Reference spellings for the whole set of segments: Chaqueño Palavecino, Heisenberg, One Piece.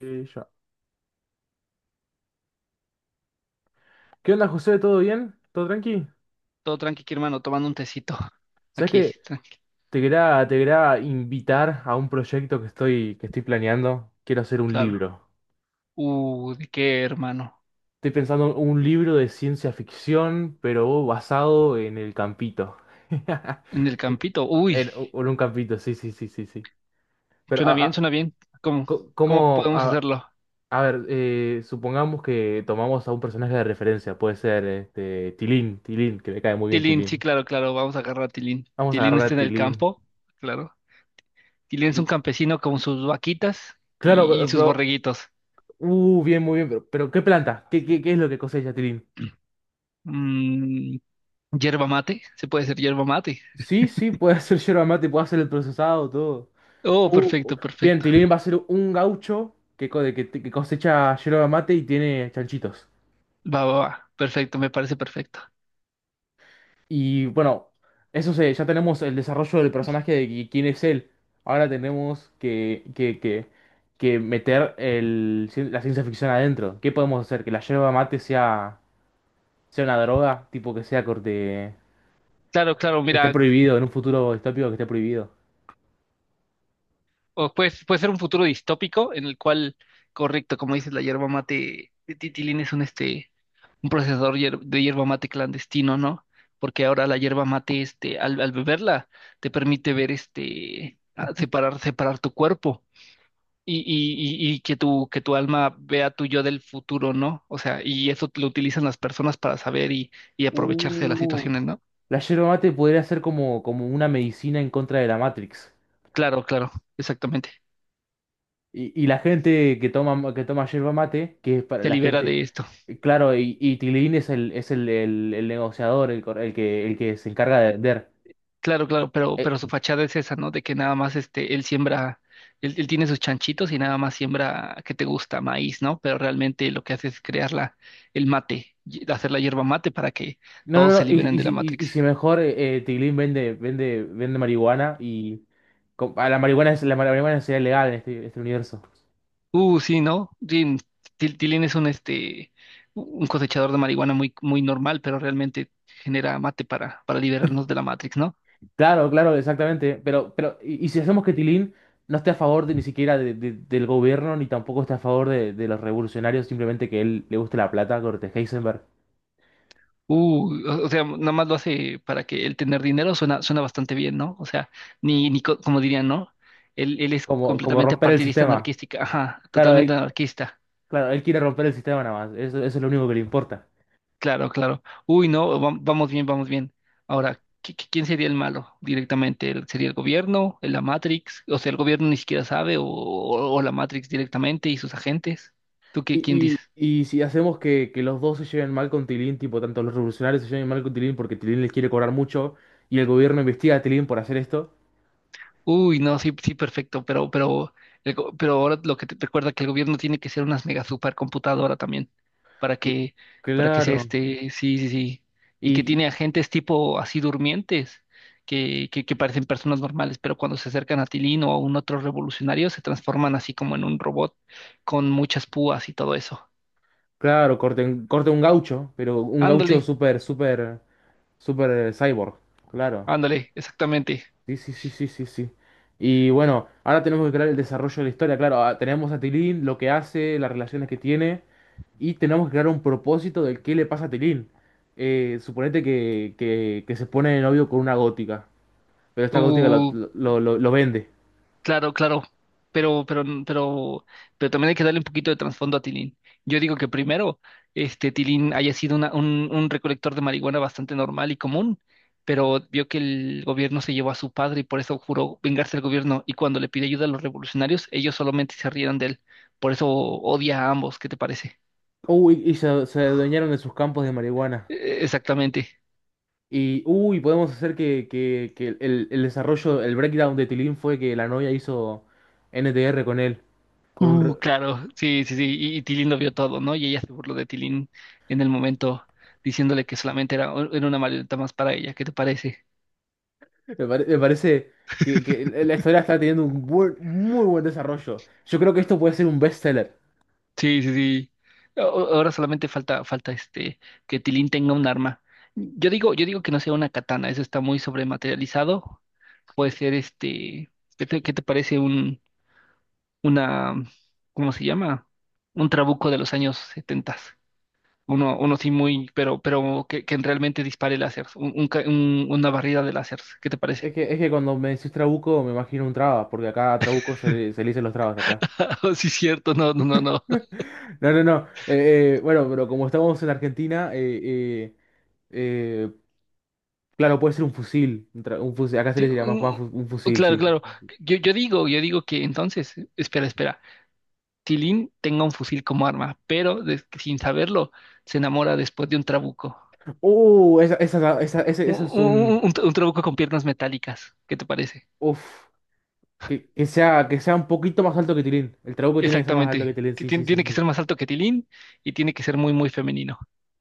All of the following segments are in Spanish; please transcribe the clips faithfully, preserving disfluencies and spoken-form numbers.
Eh, ya. ¿Qué onda, José? ¿Todo bien? ¿Todo tranqui? Todo tranqui, aquí, hermano, tomando un tecito. ¿Sabes Aquí, que tranqui, te quería, te quería invitar a un proyecto que estoy, que estoy planeando? Quiero hacer un claro. libro. Uh, ¿de qué, hermano? Estoy pensando un libro de ciencia ficción, pero basado en el campito. En el campito. Uy, En, u- en un campito, sí, sí, sí, sí, sí. Pero, suena a, bien, a- suena bien. ¿Cómo, co- cómo ¿Cómo? podemos A, hacerlo? a ver, eh, supongamos que tomamos a un personaje de referencia. Puede ser este, Tilín, Tilín, que me cae muy bien Tilín, sí, Tilín. claro, claro, vamos a agarrar a Tilín. Vamos a Tilín agarrar está a en el Tilín. campo, claro. Tilín es un Y, campesino con sus vaquitas claro, y, y sus pero, borreguitos. Uh, bien, muy bien, pero, pero ¿qué planta? ¿Qué, qué, ¿qué es lo que cosecha, Tilín? Mm, yerba mate, se puede hacer yerba mate. Sí, sí, puede hacer yerba mate, puede hacer el procesado, todo. Oh, Uh, perfecto, bien, perfecto. Tilín va a ser un gaucho que, co- de que, que cosecha yerba mate y tiene chanchitos. Va, va, va, perfecto, me parece perfecto. Y bueno, eso se, ya tenemos el desarrollo del personaje de qui- quién es él. Ahora tenemos que, que, que, que meter el, cien- la ciencia ficción adentro. ¿Qué podemos hacer? ¿Que la yerba mate sea, sea una droga? Tipo que sea corte. Claro, claro, Que esté mira. prohibido, en un futuro distópico, que esté prohibido. O puede, puede ser un futuro distópico en el cual, correcto, como dices, la hierba mate de Titilín es un, este, un procesador hier- de hierba mate clandestino, ¿no? Porque ahora la hierba mate, este, al, al beberla, te permite ver, este, a- separar, separar tu cuerpo y, y, y, y que tu, que tu alma vea tu yo del futuro, ¿no? O sea, y eso lo utilizan las personas para saber y, y aprovecharse de las Uh, situaciones, ¿no? la yerba mate podría ser como, como una medicina en contra de la Matrix. Claro, claro, exactamente. Y, y la gente que toma, que toma yerba mate, que es para Se la libera gente. de esto. Claro, y, y Tilín es el, es el, el- el negociador, el, cor- el que, el que se encarga de vender. Claro, claro, pero, pero Eh, su fachada es esa, ¿no? De que nada más este, él siembra, él, él tiene sus chanchitos y nada más siembra, ¿que te gusta? Maíz, ¿no? Pero realmente lo que hace es crear la, el mate, y- hacer la hierba mate para que no, no, todos se no, y, liberen y, de si la y- y Matrix. si mejor eh, eh, Tilín vende, vende, vende marihuana y. co- ah, La marihuana, es- la marihuana sería legal en este, este universo. Uh, sí, ¿no? Sí, Til- Tilín es un, este, un cosechador de marihuana muy, muy normal, pero realmente genera mate para, para liberarnos de la Matrix, ¿no? Claro, claro, exactamente. Pero, pero, y, y si hacemos que Tilín no esté a favor de, ni siquiera de- de- del gobierno, ni tampoco esté a favor de, de los revolucionarios, simplemente que él le guste la plata, corte Heisenberg. Uh, o o sea, nada más lo hace para que el tener dinero suena, suena bastante bien, ¿no? O sea, ni, ni co- como dirían, ¿no? Él, él es Como, como completamente romper el partidista sistema. anarquística, ajá, Claro, totalmente él, anarquista. claro, él quiere romper el sistema nada más. Eso, eso es lo único que le importa. Claro, claro. Uy, no, va- vamos bien, vamos bien. Ahora, ¿qui- qui- quién sería el malo directamente? ¿El- ¿Sería el gobierno? ¿La Matrix? O sea, el gobierno ni siquiera sabe, o, o- o la Matrix directamente y sus agentes. ¿Tú qué, quién Y, dices? y, y si hacemos que, que los dos se lleven mal con Tilín, tipo, tanto los revolucionarios se lleven mal con Tilín porque Tilín les quiere cobrar mucho y el gobierno investiga a Tilín por hacer esto. Uy, no, sí, sí, perfecto, pero, pero, el go- pero ahora lo que te recuerda que el gobierno tiene que ser una mega supercomputadora también, para cl- que, para que sea Claro. este, sí, sí, sí, y que Y, tiene agentes tipo así durmientes, que, que, que parecen personas normales, pero cuando se acercan a Tilín o a un otro revolucionario se transforman así como en un robot con muchas púas y todo eso. Claro, corte, un- corte un gaucho, pero un gaucho Ándale, súper, súper, súper, eh, cyborg. Claro. ándale, exactamente. Sí, sí, sí, sí, sí, sí. Y bueno, ahora tenemos que crear el desarrollo de la historia. Claro, ah, tenemos a Tilín, lo que hace, las relaciones que tiene. Y tenemos que crear un propósito del qué le pasa a Tilín. Eh, suponete que, que, que se pone de novio con una gótica. Pero esta gótica lo, Uh, lo, lo- lo vende. Claro, claro, pero, pero, pero, pero también hay que darle un poquito de trasfondo a Tilín. Yo digo que primero, este Tilín haya sido una- un, un recolector de marihuana bastante normal y común, pero vio que el gobierno se llevó a su padre y por eso juró vengarse del gobierno. Y cuando le pide ayuda a los revolucionarios, ellos solamente se rieron de él. Por eso odia a ambos, ¿qué te parece? Uy, y se, se adueñaron de sus campos de marihuana. Eh, Exactamente. Y, uy, podemos hacer que, que- que el, el desarrollo, el breakdown de Tilín fue que la novia hizo N T R con él. Con un, re- Uh, claro, sí, sí, sí. Y, y Tilín lo vio todo, ¿no? Y ella se burló de Tilín en el momento diciéndole que solamente era, era una marioneta más para ella. ¿Qué te parece? Me, pare- me parece que, que el- la historia está teniendo un buen- muy buen desarrollo. Yo creo que esto puede ser un bestseller. Sí, sí, sí. A- ahora solamente falta, falta este, que Tilín tenga un arma. Yo digo, yo digo que no sea una katana, eso está muy sobrematerializado. Puede ser este, ¿qué te, qué te parece un, una, cómo se llama? Un trabuco de los años setentas. Uno, uno sí muy, pero, pero que, que realmente dispare láseres, un- un ca- un- una barrida de láseres, ¿qué te Es parece? que, es que cuando me decís trabuco me imagino un trabas, porque acá a trabuco se le, se le dicen los trabas acá. Sí, cierto, no, no, no, no. No, no, no. Eh, eh, bueno, pero como estamos en Argentina, eh, eh, eh, claro, puede ser un fusil. Un, tra- un fusil. Acá se le Sí, diría más, más mm, fu- un fusil, claro, sí. claro. Yo, yo digo, yo digo que entonces, espera, espera. Si Lin tenga un fusil como arma, pero des- sin saberlo, se enamora después de un trabuco. Uh, esa, esa, esa- ese- Un, eso es un. un- un- un trabuco con piernas metálicas, ¿qué te parece? Uf. Que, que sea, que sea un poquito más alto que Tilín. El trabuco tiene que ser más alto Exactamente. que Tilín, Ti- sí, sí, tien- sí. tiene que Sí. ser más alto que Tilín y tiene que ser muy, muy femenino.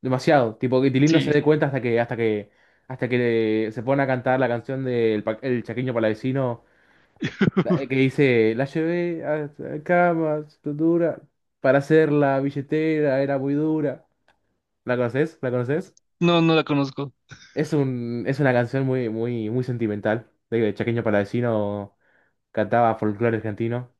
Demasiado. Tipo que Tilín no se Sí, dé cuenta hasta que, hasta que, hasta que se pone a cantar la canción del pa- el Chaqueño Palavecino, la- eh, que dice, la llevé a a cama, dura, para hacer la billetera, era muy dura. ¿La conoces? ¿La conoces? no, no la conozco. Es un, es una canción muy, muy, muy sentimental. De que el Chaqueño Palavecino cantaba folclore argentino.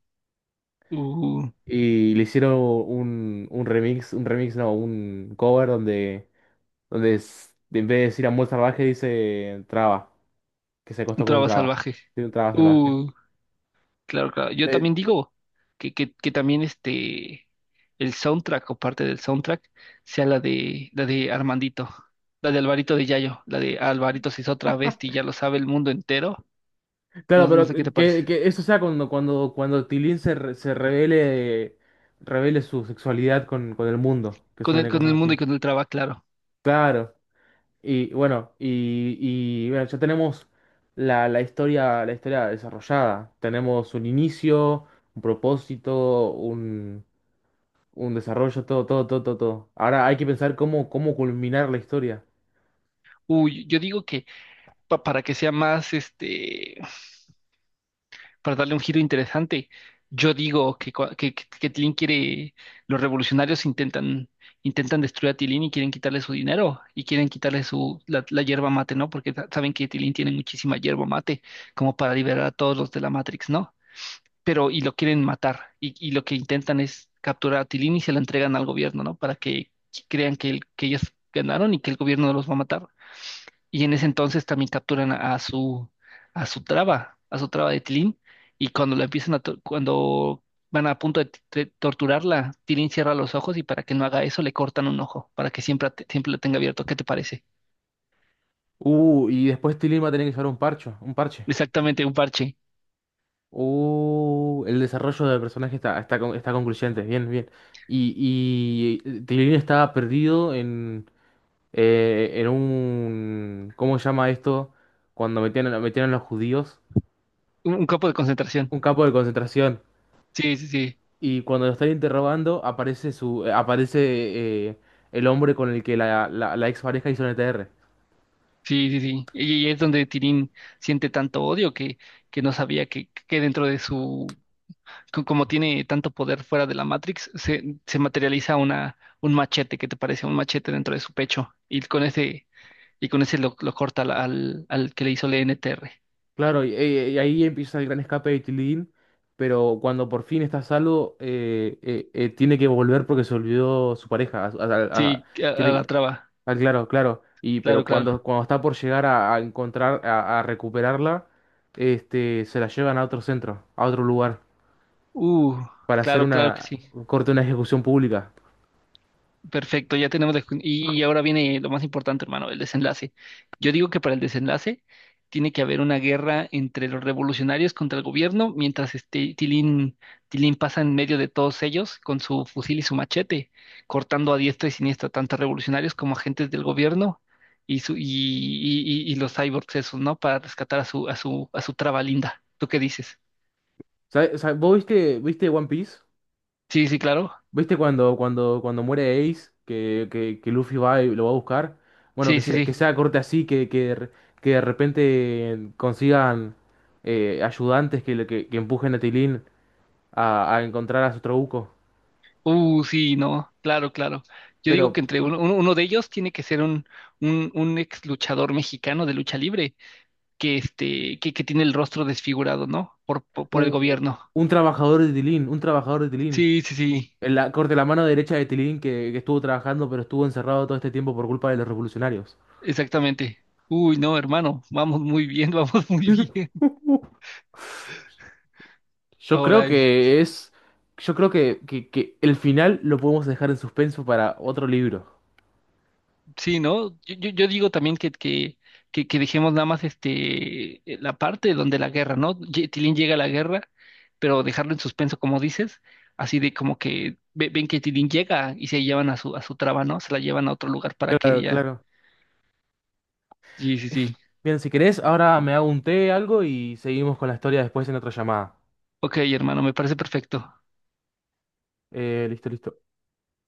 Uh. Y le hicieron un, un remix, un remix, no, un cover donde, donde es- en vez de decir amor salvaje dice traba, que se Un acostó con un traba traba. salvaje. Sí, un traba salvaje. Uh, claro, claro. Yo Eh, también digo que, que, que también este el soundtrack o parte del soundtrack sea la de la de Armandito, la de Alvarito de Yayo, la de Alvarito se hizo otra vez y ya lo sabe el mundo entero. claro, No, no pero sé qué te parece. que, que eso sea cuando, cuando, cuando Tilín se, re- se revele, revele su sexualidad con, con el mundo, que Con el, suene con el cosas mundo y así. con el traba, claro. Claro. Y bueno, y, y bueno, ya tenemos la, la historia, la historia desarrollada. Tenemos un inicio, un propósito, un desarrollo, todo, todo, todo, todo, todo. Ahora hay que pensar cómo, cómo culminar la historia. Uy, yo digo que pa- para que sea más este para darle un giro interesante. Yo digo que, cua- que, que, que Tilín quiere, los revolucionarios intentan, intentan destruir a Tilín y quieren quitarle su dinero y quieren quitarle su, la, la yerba mate, ¿no? Porque sa- saben que Tilín tiene muchísima yerba mate como para liberar a todos los de la Matrix, ¿no? Pero y lo quieren matar y, y lo que intentan es capturar a Tilín y se la entregan al gobierno, ¿no? Para que crean que, el- que ellos ganaron y que el gobierno los va a matar. Y en ese entonces también capturan a su, a su traba, a su traba de Tilín. Y cuando la empiezan a, to- cuando van a punto de, t- de torturarla, Tilín cierra los ojos y para que no haga eso le cortan un ojo, para que siempre, at- siempre lo tenga abierto. ¿Qué te parece? Uh, y después Tilly va a tener que llevar un parche, un parche. Exactamente, un parche, Uh, el desarrollo del personaje está, está, con- está concluyente, bien, bien. Y, y Tilly estaba perdido en, eh, en un, ¿cómo se llama esto? Cuando metían, a- metían a los judíos, un, un campo de concentración. un campo de concentración. Sí, sí, sí. Y cuando lo están interrogando, aparece su, eh, aparece, eh, el hombre con el que la, la, la ex pareja hizo un E T R. Sí, sí, sí. Y y es donde Tilín siente tanto odio que, que no sabía que, que dentro de su co- como tiene tanto poder fuera de la Matrix, se, se materializa una, un machete, ¿que te parece? Un machete dentro de su pecho. Y con ese, y con ese lo, lo corta al, al, al que le hizo el N T R. Claro, y, eh, y ahí empieza el gran escape de Tilín, pero cuando por fin está salvo, eh, eh, eh, tiene que volver porque se olvidó su pareja. a- a- a- Sí, a, a tiene la que- traba. ah, claro, claro. Y Claro, pero claro. cuando, cuando está por llegar a, a encontrar, a, a recuperarla, este, se la llevan a otro centro, a otro lugar, Uh, para hacer claro, claro que una sí. corte, una ejecución pública. Perfecto, ya tenemos la... Y ahora viene lo más importante, hermano, el desenlace. Yo digo que para el desenlace tiene que haber una guerra entre los revolucionarios contra el gobierno, mientras este Tilín, Tilín pasa en medio de todos ellos con su fusil y su machete, cortando a diestra y siniestra tanto a revolucionarios como agentes del gobierno y, su, y, y, y- y los cyborgs esos, ¿no? Para rescatar a su, a su, a su traba linda. ¿Tú qué dices? ¿Sabe- sabe- ¿Vos viste, viste One Piece? Sí, sí, claro. ¿Viste cuando, cuando, cuando muere Ace, que, que, que Luffy va y lo va a buscar? Bueno, Sí, que sí, sea, que sí. sea corte así, que, que, de re- que de repente consigan, eh, ayudantes que, le- que, que empujen a Tilín a, a encontrar a su trabuco. Uh, sí, no, claro, claro. Yo digo Pero que entre uno, uno- uno de ellos tiene que ser un, un, un ex luchador mexicano de lucha libre, que este, que, que tiene el rostro desfigurado, ¿no? Por, por, por el u- gobierno. un trabajador de Tilín, un trabajador de Tilín. Sí, sí, sí, En la, corte la mano derecha de Tilín que, que estuvo trabajando pero estuvo encerrado todo este tiempo por culpa de los revolucionarios. exactamente. Uy, no, hermano, vamos muy bien, vamos muy bien. Yo creo Ahora, que es... Yo creo que, que, que el final lo podemos dejar en suspenso para otro libro. sí, ¿no? Yo, yo, yo digo también que, que, que, que dejemos nada más este eh, la parte donde la guerra, ¿no? Ye- Tilín llega a la guerra, pero dejarlo en suspenso, como dices, así de como que ve- ven que Tilín llega y se llevan a su, a su traba, ¿no? Se la llevan a otro lugar para que Claro, ella. claro. Sí, sí, sí. Bien, si querés, ahora me hago un té, algo y seguimos con la historia después en otra llamada. Ok, hermano, me parece perfecto. Eh, listo, listo.